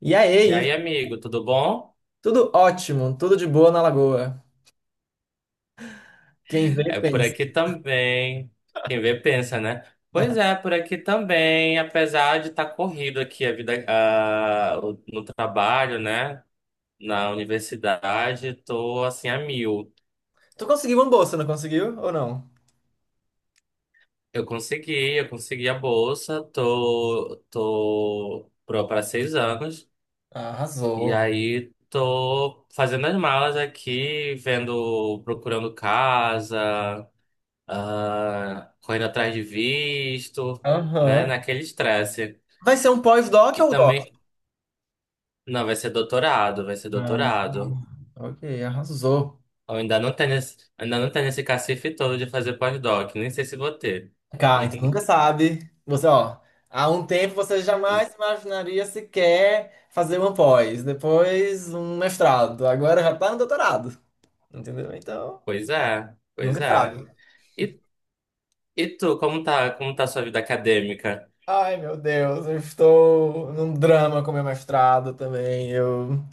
E E aí, aí, Ivo? amigo, tudo bom? Tudo ótimo, tudo de boa na Lagoa. Quem vê, É por pensa. aqui também. Quem vê pensa, né? Pois é, por aqui também, apesar de estar corrido aqui a vida, no trabalho, né? Na universidade, tô assim a mil. Tu conseguiu uma bolsa, não conseguiu ou não? Eu consegui a bolsa, tô, tô pro para 6 anos. E Arrasou. aí tô fazendo as malas aqui, vendo, procurando casa. Correndo atrás de visto, né? Aham. Naquele estresse. Vai ser um pós-doc E ou um doc? também, não, vai ser doutorado, vai ser Ah, doutorado. ok, arrasou. Eu ainda não tenho nesse, ainda não tenho nesse cacife todo de fazer pós-doc, nem sei se vou ter. Cara, então nunca sabe. Você, ó, há um tempo você jamais imaginaria sequer fazer uma pós, depois um mestrado, agora já tá no doutorado, entendeu? Então, Pois é, pois nunca é. sabe. E, e tu, como tá a sua vida acadêmica? Ai, meu Deus, eu estou num drama com meu mestrado também. Eu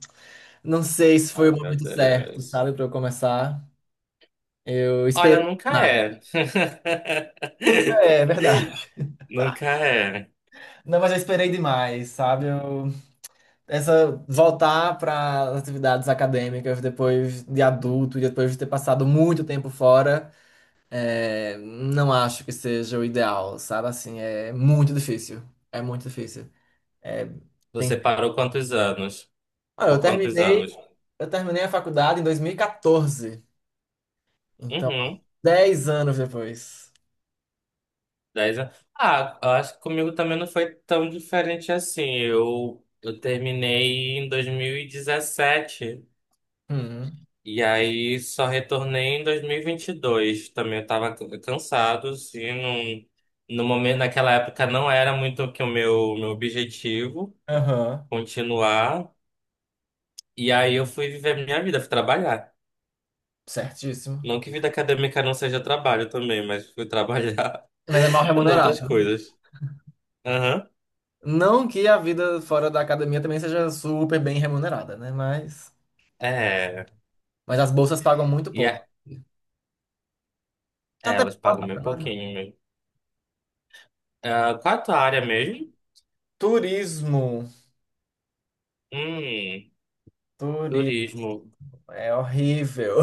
não sei se foi o Ai, meu momento certo, Deus. sabe, para eu começar. Eu Olha, esperei nunca demais. é. Nunca é, é verdade. Nunca é. Não, mas eu esperei demais, sabe? Eu, essa voltar para as atividades acadêmicas depois de adulto e depois de ter passado muito tempo fora, não acho que seja o ideal, sabe? Assim, é muito difícil. É muito difícil. É, tem... Você parou quantos anos? Ah, Por quantos anos? eu terminei a faculdade em 2014. Então, Uhum. 10 anos depois. 10 anos. Ah, eu acho que comigo também não foi tão diferente assim. Eu terminei em 2017 Uhum. e aí só retornei em 2022. Também eu tava cansado, assim, não, no momento, naquela época não era muito que o meu objetivo Aham. continuar. E aí eu fui viver minha vida, fui trabalhar. Certíssimo. Não que vida acadêmica não seja trabalho também, mas fui trabalhar Mas é mal em remunerado. outras coisas. Aham. Não que a vida fora da academia também seja super bem remunerada, né? É. Mas as bolsas pagam muito E, pouco. a- Tá é, até elas bom pagam bem agora. pouquinho mesmo. Ah, qual é a tua área mesmo? Turismo. Hum, Turismo. turismo. É horrível.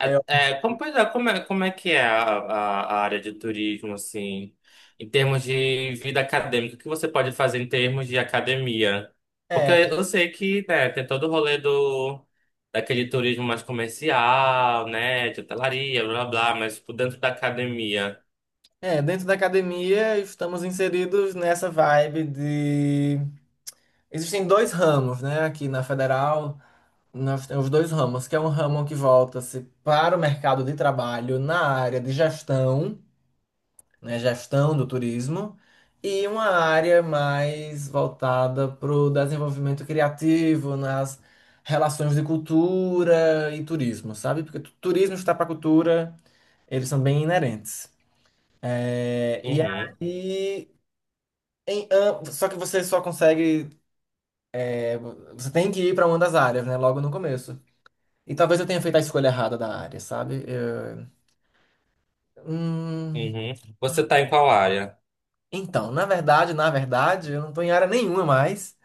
É, Pois é, como é que é a área de turismo, assim, em termos de vida acadêmica? O que você pode fazer em termos de academia? Porque é, eu sei que, né, tem todo o rolê daquele turismo mais comercial, né, de hotelaria, blá, blá, blá, mas tipo, dentro da academia. Dentro da academia estamos inseridos nessa vibe de. Existem dois ramos, né? Aqui na Federal, nós temos dois ramos, que é um ramo que volta-se para o mercado de trabalho na área de gestão, né, gestão do turismo, e uma área mais voltada para o desenvolvimento criativo, nas relações de cultura e turismo, sabe? Porque turismo está para cultura, eles são bem inerentes. É, e Uhum, aí, só que você só consegue, você tem que ir para uma das áreas, né, logo no começo. E talvez eu tenha feito a escolha errada da área, sabe? Hum, uhum. Você tá em qual área? então, na verdade, eu não estou em área nenhuma mais.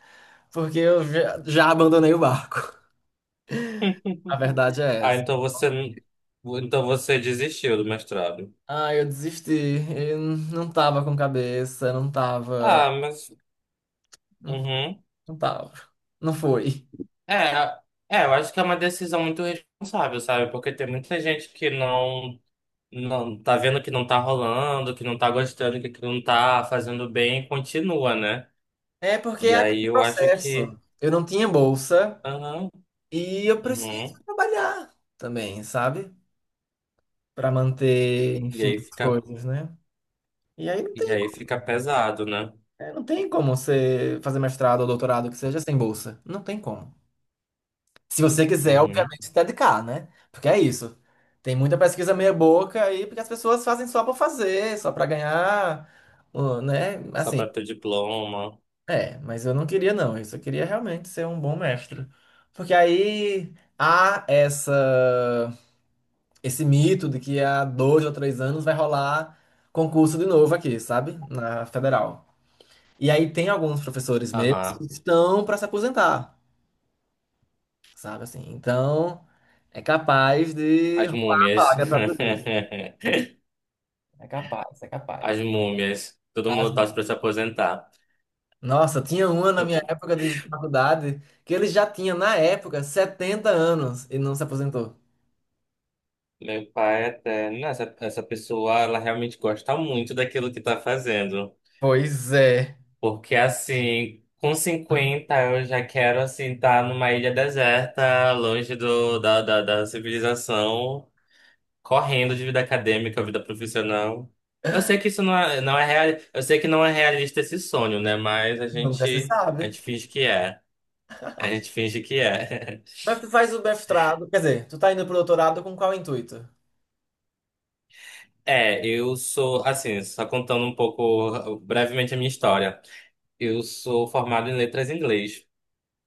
Porque eu já abandonei o barco. A verdade é Ah, essa. então você, então você desistiu do mestrado. Ah, eu desisti. Eu não tava com cabeça, não tava. Ah, mas, Não, uhum. não tava. Não foi. É, eu acho que é uma decisão muito responsável, sabe? Porque tem muita gente que não, não tá vendo que não tá rolando, que não tá gostando, que aquilo não tá fazendo bem, e continua, né? É porque E é aí aquele eu acho que, processo. Eu não tinha bolsa aham, e eu preciso uhum, trabalhar também, sabe? Pra manter, E enfim, aí as fica, coisas, né? E aí não e tem, aí fica pesado, né? Não tem como você fazer mestrado ou doutorado que seja sem bolsa. Não tem como. Se você quiser, Uhum. obviamente, se dedicar, né? Porque é isso. Tem muita pesquisa meia-boca aí, porque as pessoas fazem só pra fazer, só pra ganhar, né? Só pra Assim, ter diploma, mas eu não queria, não. Isso eu só queria realmente ser um bom mestre. Porque aí há essa, esse mito de que há dois ou três anos vai rolar concurso de novo aqui, sabe? Na federal. E aí tem alguns professores mesmo que aham. estão pra se aposentar. Sabe assim? Então, é capaz de As rolar a múmias. vaga para tudo. É capaz, é As capaz. múmias. Todo Ah, mundo sim. torce pra se aposentar. Nossa, tinha uma na minha época de faculdade que ele já tinha, na época, 70 anos e não se aposentou. Meu pai até. Não, essa pessoa, ela realmente gosta muito daquilo que tá fazendo. Pois é. Porque, assim, com 50 eu já quero, assim, estar numa ilha deserta, longe da civilização, correndo de vida acadêmica, vida profissional. Eu sei que isso não é, não é real, eu sei que não é realista esse sonho, né? Mas Nunca se a sabe. gente finge que é. A gente finge que é. Mas tu faz o mestrado, quer dizer, tu tá indo pro doutorado com qual intuito? É, eu sou, assim, só contando um pouco brevemente a minha história. Eu sou formado em letras em inglês.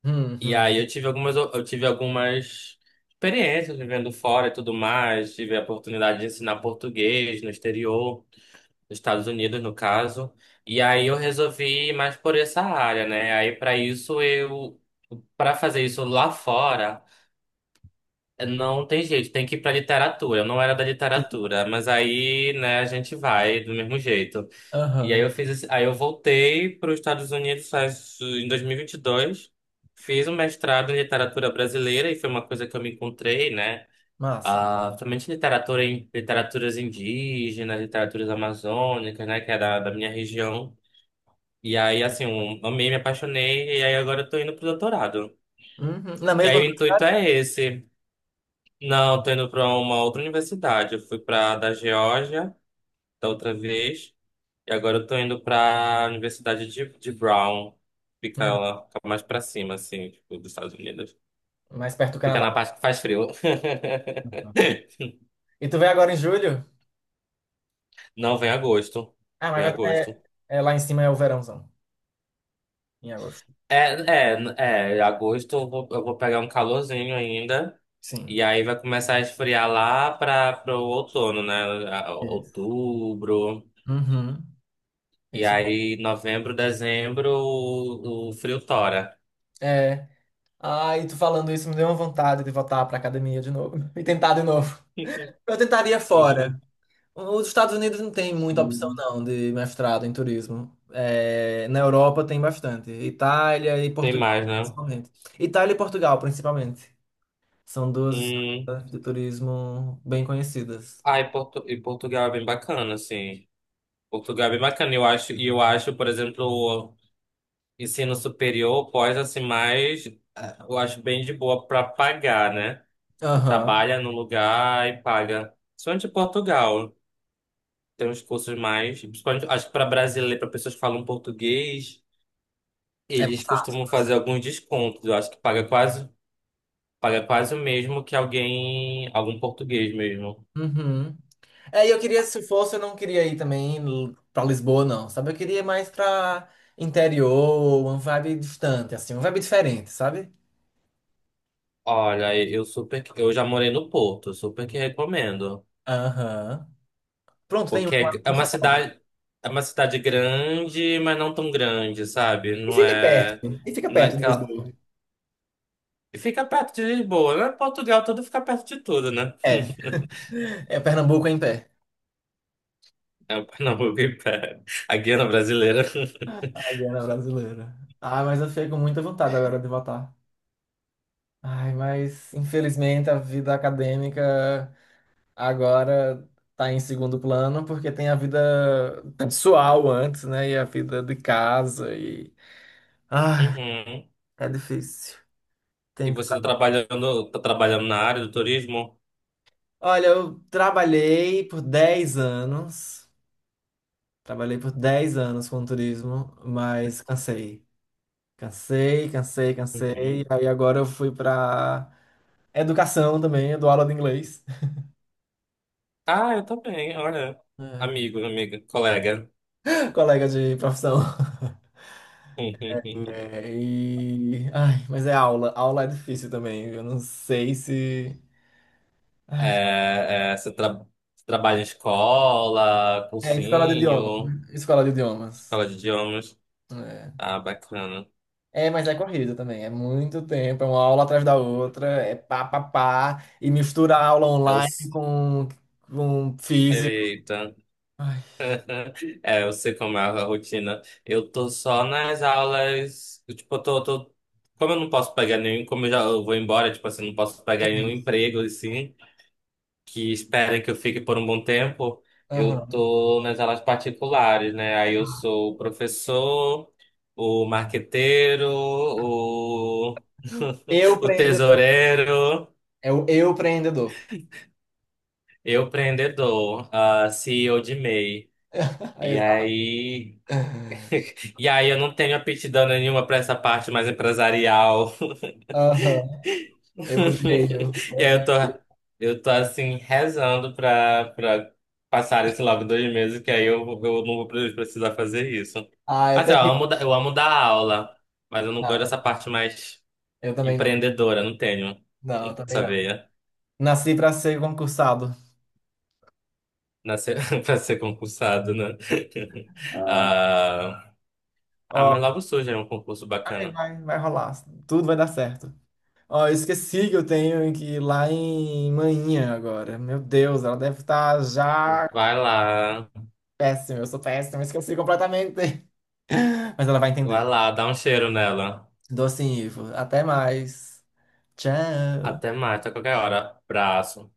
Hum, E hum. aí eu tive algumas experiências vivendo fora e tudo mais. Tive a oportunidade de ensinar português no exterior, nos Estados Unidos, no caso. E aí eu resolvi ir mais por essa área, né? Aí para isso eu, para fazer isso lá fora. Não tem jeito, tem que ir pra literatura. Eu não era da literatura, mas aí, né, a gente vai do mesmo jeito. E aí Aham. eu fiz esse, aí eu voltei para os Estados Unidos em 2022, fiz um mestrado em literatura brasileira e foi uma coisa que eu me encontrei, né? Massa. Ah, somente literatura em literaturas indígenas, literaturas amazônicas, né, que é da minha região. E aí, assim, eu amei, me apaixonei, e aí agora eu tô indo pro doutorado. Uhum. Na E mesma. aí o intuito é esse. Não, tô indo para uma outra universidade. Eu fui para da Geórgia da outra vez e agora eu tô indo para a Universidade de Brown. Fica Uhum. lá, fica mais para cima assim, tipo, dos Estados Unidos. Mais perto do Fica Canadá. na parte que faz frio. E tu vem agora em julho? Não vem agosto. Ah, mas Vem vai agosto. ter, lá em cima é o verãozão, em agosto. Agosto eu vou pegar um calorzinho ainda. Sim. E aí vai começar a esfriar lá para o outono, né? Isso. Outubro. Uhum. E Isso. aí, novembro, dezembro, o frio tora. É. Ai, tu falando isso me deu uma vontade de voltar pra academia de novo e tentar de novo. Eu tentaria fora. Os Estados Unidos não tem muita opção, não, de mestrado em turismo. É, na Europa tem bastante. Itália e Tem Portugal, mais, né? principalmente. Itália e Portugal, principalmente. São duas Hum. escolas de turismo bem conhecidas. E Portugal é bem bacana, assim. Portugal é bem bacana. E eu acho, por exemplo, o ensino superior, pós, assim, eu acho bem de boa para pagar, né? Tu Aham. trabalha no lugar e paga. Principalmente em Portugal. Tem uns cursos mais... Principalmente, acho que para brasileiro, para pessoas que falam português... É Eles mais costumam fazer fácil. alguns descontos. Eu acho que paga quase o mesmo que alguém, algum português mesmo. Uhum. É, e eu queria, se fosse, eu não queria ir também pra Lisboa, não, sabe? Eu queria ir mais pra interior, uma vibe distante, assim, uma vibe diferente, sabe? Olha, eu já morei no Porto, super que recomendo. Aham. Pronto, tem uma Porque lá muito famosa. É uma cidade grande, mas não tão grande, sabe? E Não fica é perto, e fica perto de naquela Lisboa. Fica perto de Lisboa, né? Portugal tudo fica perto de tudo, né? É, é, Pernambuco é em pé. É o Pernambuco em pé. A Guiana brasileira. A Guiana brasileira. Ah, mas eu fiquei com muita vontade agora de votar. Ai, mas infelizmente a vida acadêmica agora tá em segundo plano porque tem a vida pessoal antes, né? E a vida de casa e ai, Uhum. é difícil. E Tem que... você tá trabalhando na área do turismo? Olha, eu trabalhei por 10 anos, trabalhei por 10 anos com turismo, mas cansei. Cansei, cansei, Uhum. cansei. Aí agora eu fui pra educação também, eu dou aula de inglês. Ah, eu também, olha. É. Amigo, amiga, colega. Colega de profissão. Ai, mas é aula. Aula é difícil também. Eu não sei se. É, é, você, tra- você trabalha em escola, É, escola de idiomas, cursinho, né? Escola de idiomas. escola de idiomas. É. Ah, bacana. É, mas é corrida também. É muito tempo, é uma aula atrás da outra, é pá, pá, pá, e mistura a aula Eu, online s- com físico. eita. Ai, É, eu sei como é a rotina. Eu tô só nas aulas. Tipo, como eu não posso pegar nenhum, como eu já eu vou embora, tipo assim, não posso pegar nenhum sim. emprego, assim. Que espera que eu fique por um bom tempo, eu Aham. tô nas aulas particulares, né? Aí eu sou o professor, o marqueteiro, Eu o prendedor. tesoureiro, É o eu preendedor. eu empreendedor, a CEO de MEI. E Exato. aí, e aí eu não tenho aptidão nenhuma para essa parte mais empresarial Aham. Eu odeio, E aí eu tô, odeio. eu tô assim, rezando pra passar esse logo 2 meses, que aí eu não vou precisar fazer isso. Ah, é Assim, ó, terrível. Eu amo dar aula, mas eu não gosto Não, dessa parte mais eu também não. empreendedora, não tenho Não, eu também essa não. veia Nasci pra ser concursado. nascer, pra ser concursado, né? Ah. Ah, ah, Ó, mas logo surge aí um concurso vai, bacana. vai, vai rolar. Tudo vai dar certo. Ó, eu esqueci que eu tenho que ir lá em Manhã agora. Meu Deus, ela deve estar já Vai lá, péssima. Eu sou péssima, esqueci completamente. Mas ela vai vai entender. lá, dá um cheiro nela. Docinho, Ivo. Até mais. Até Tchau. mais, até qualquer hora. Abraço.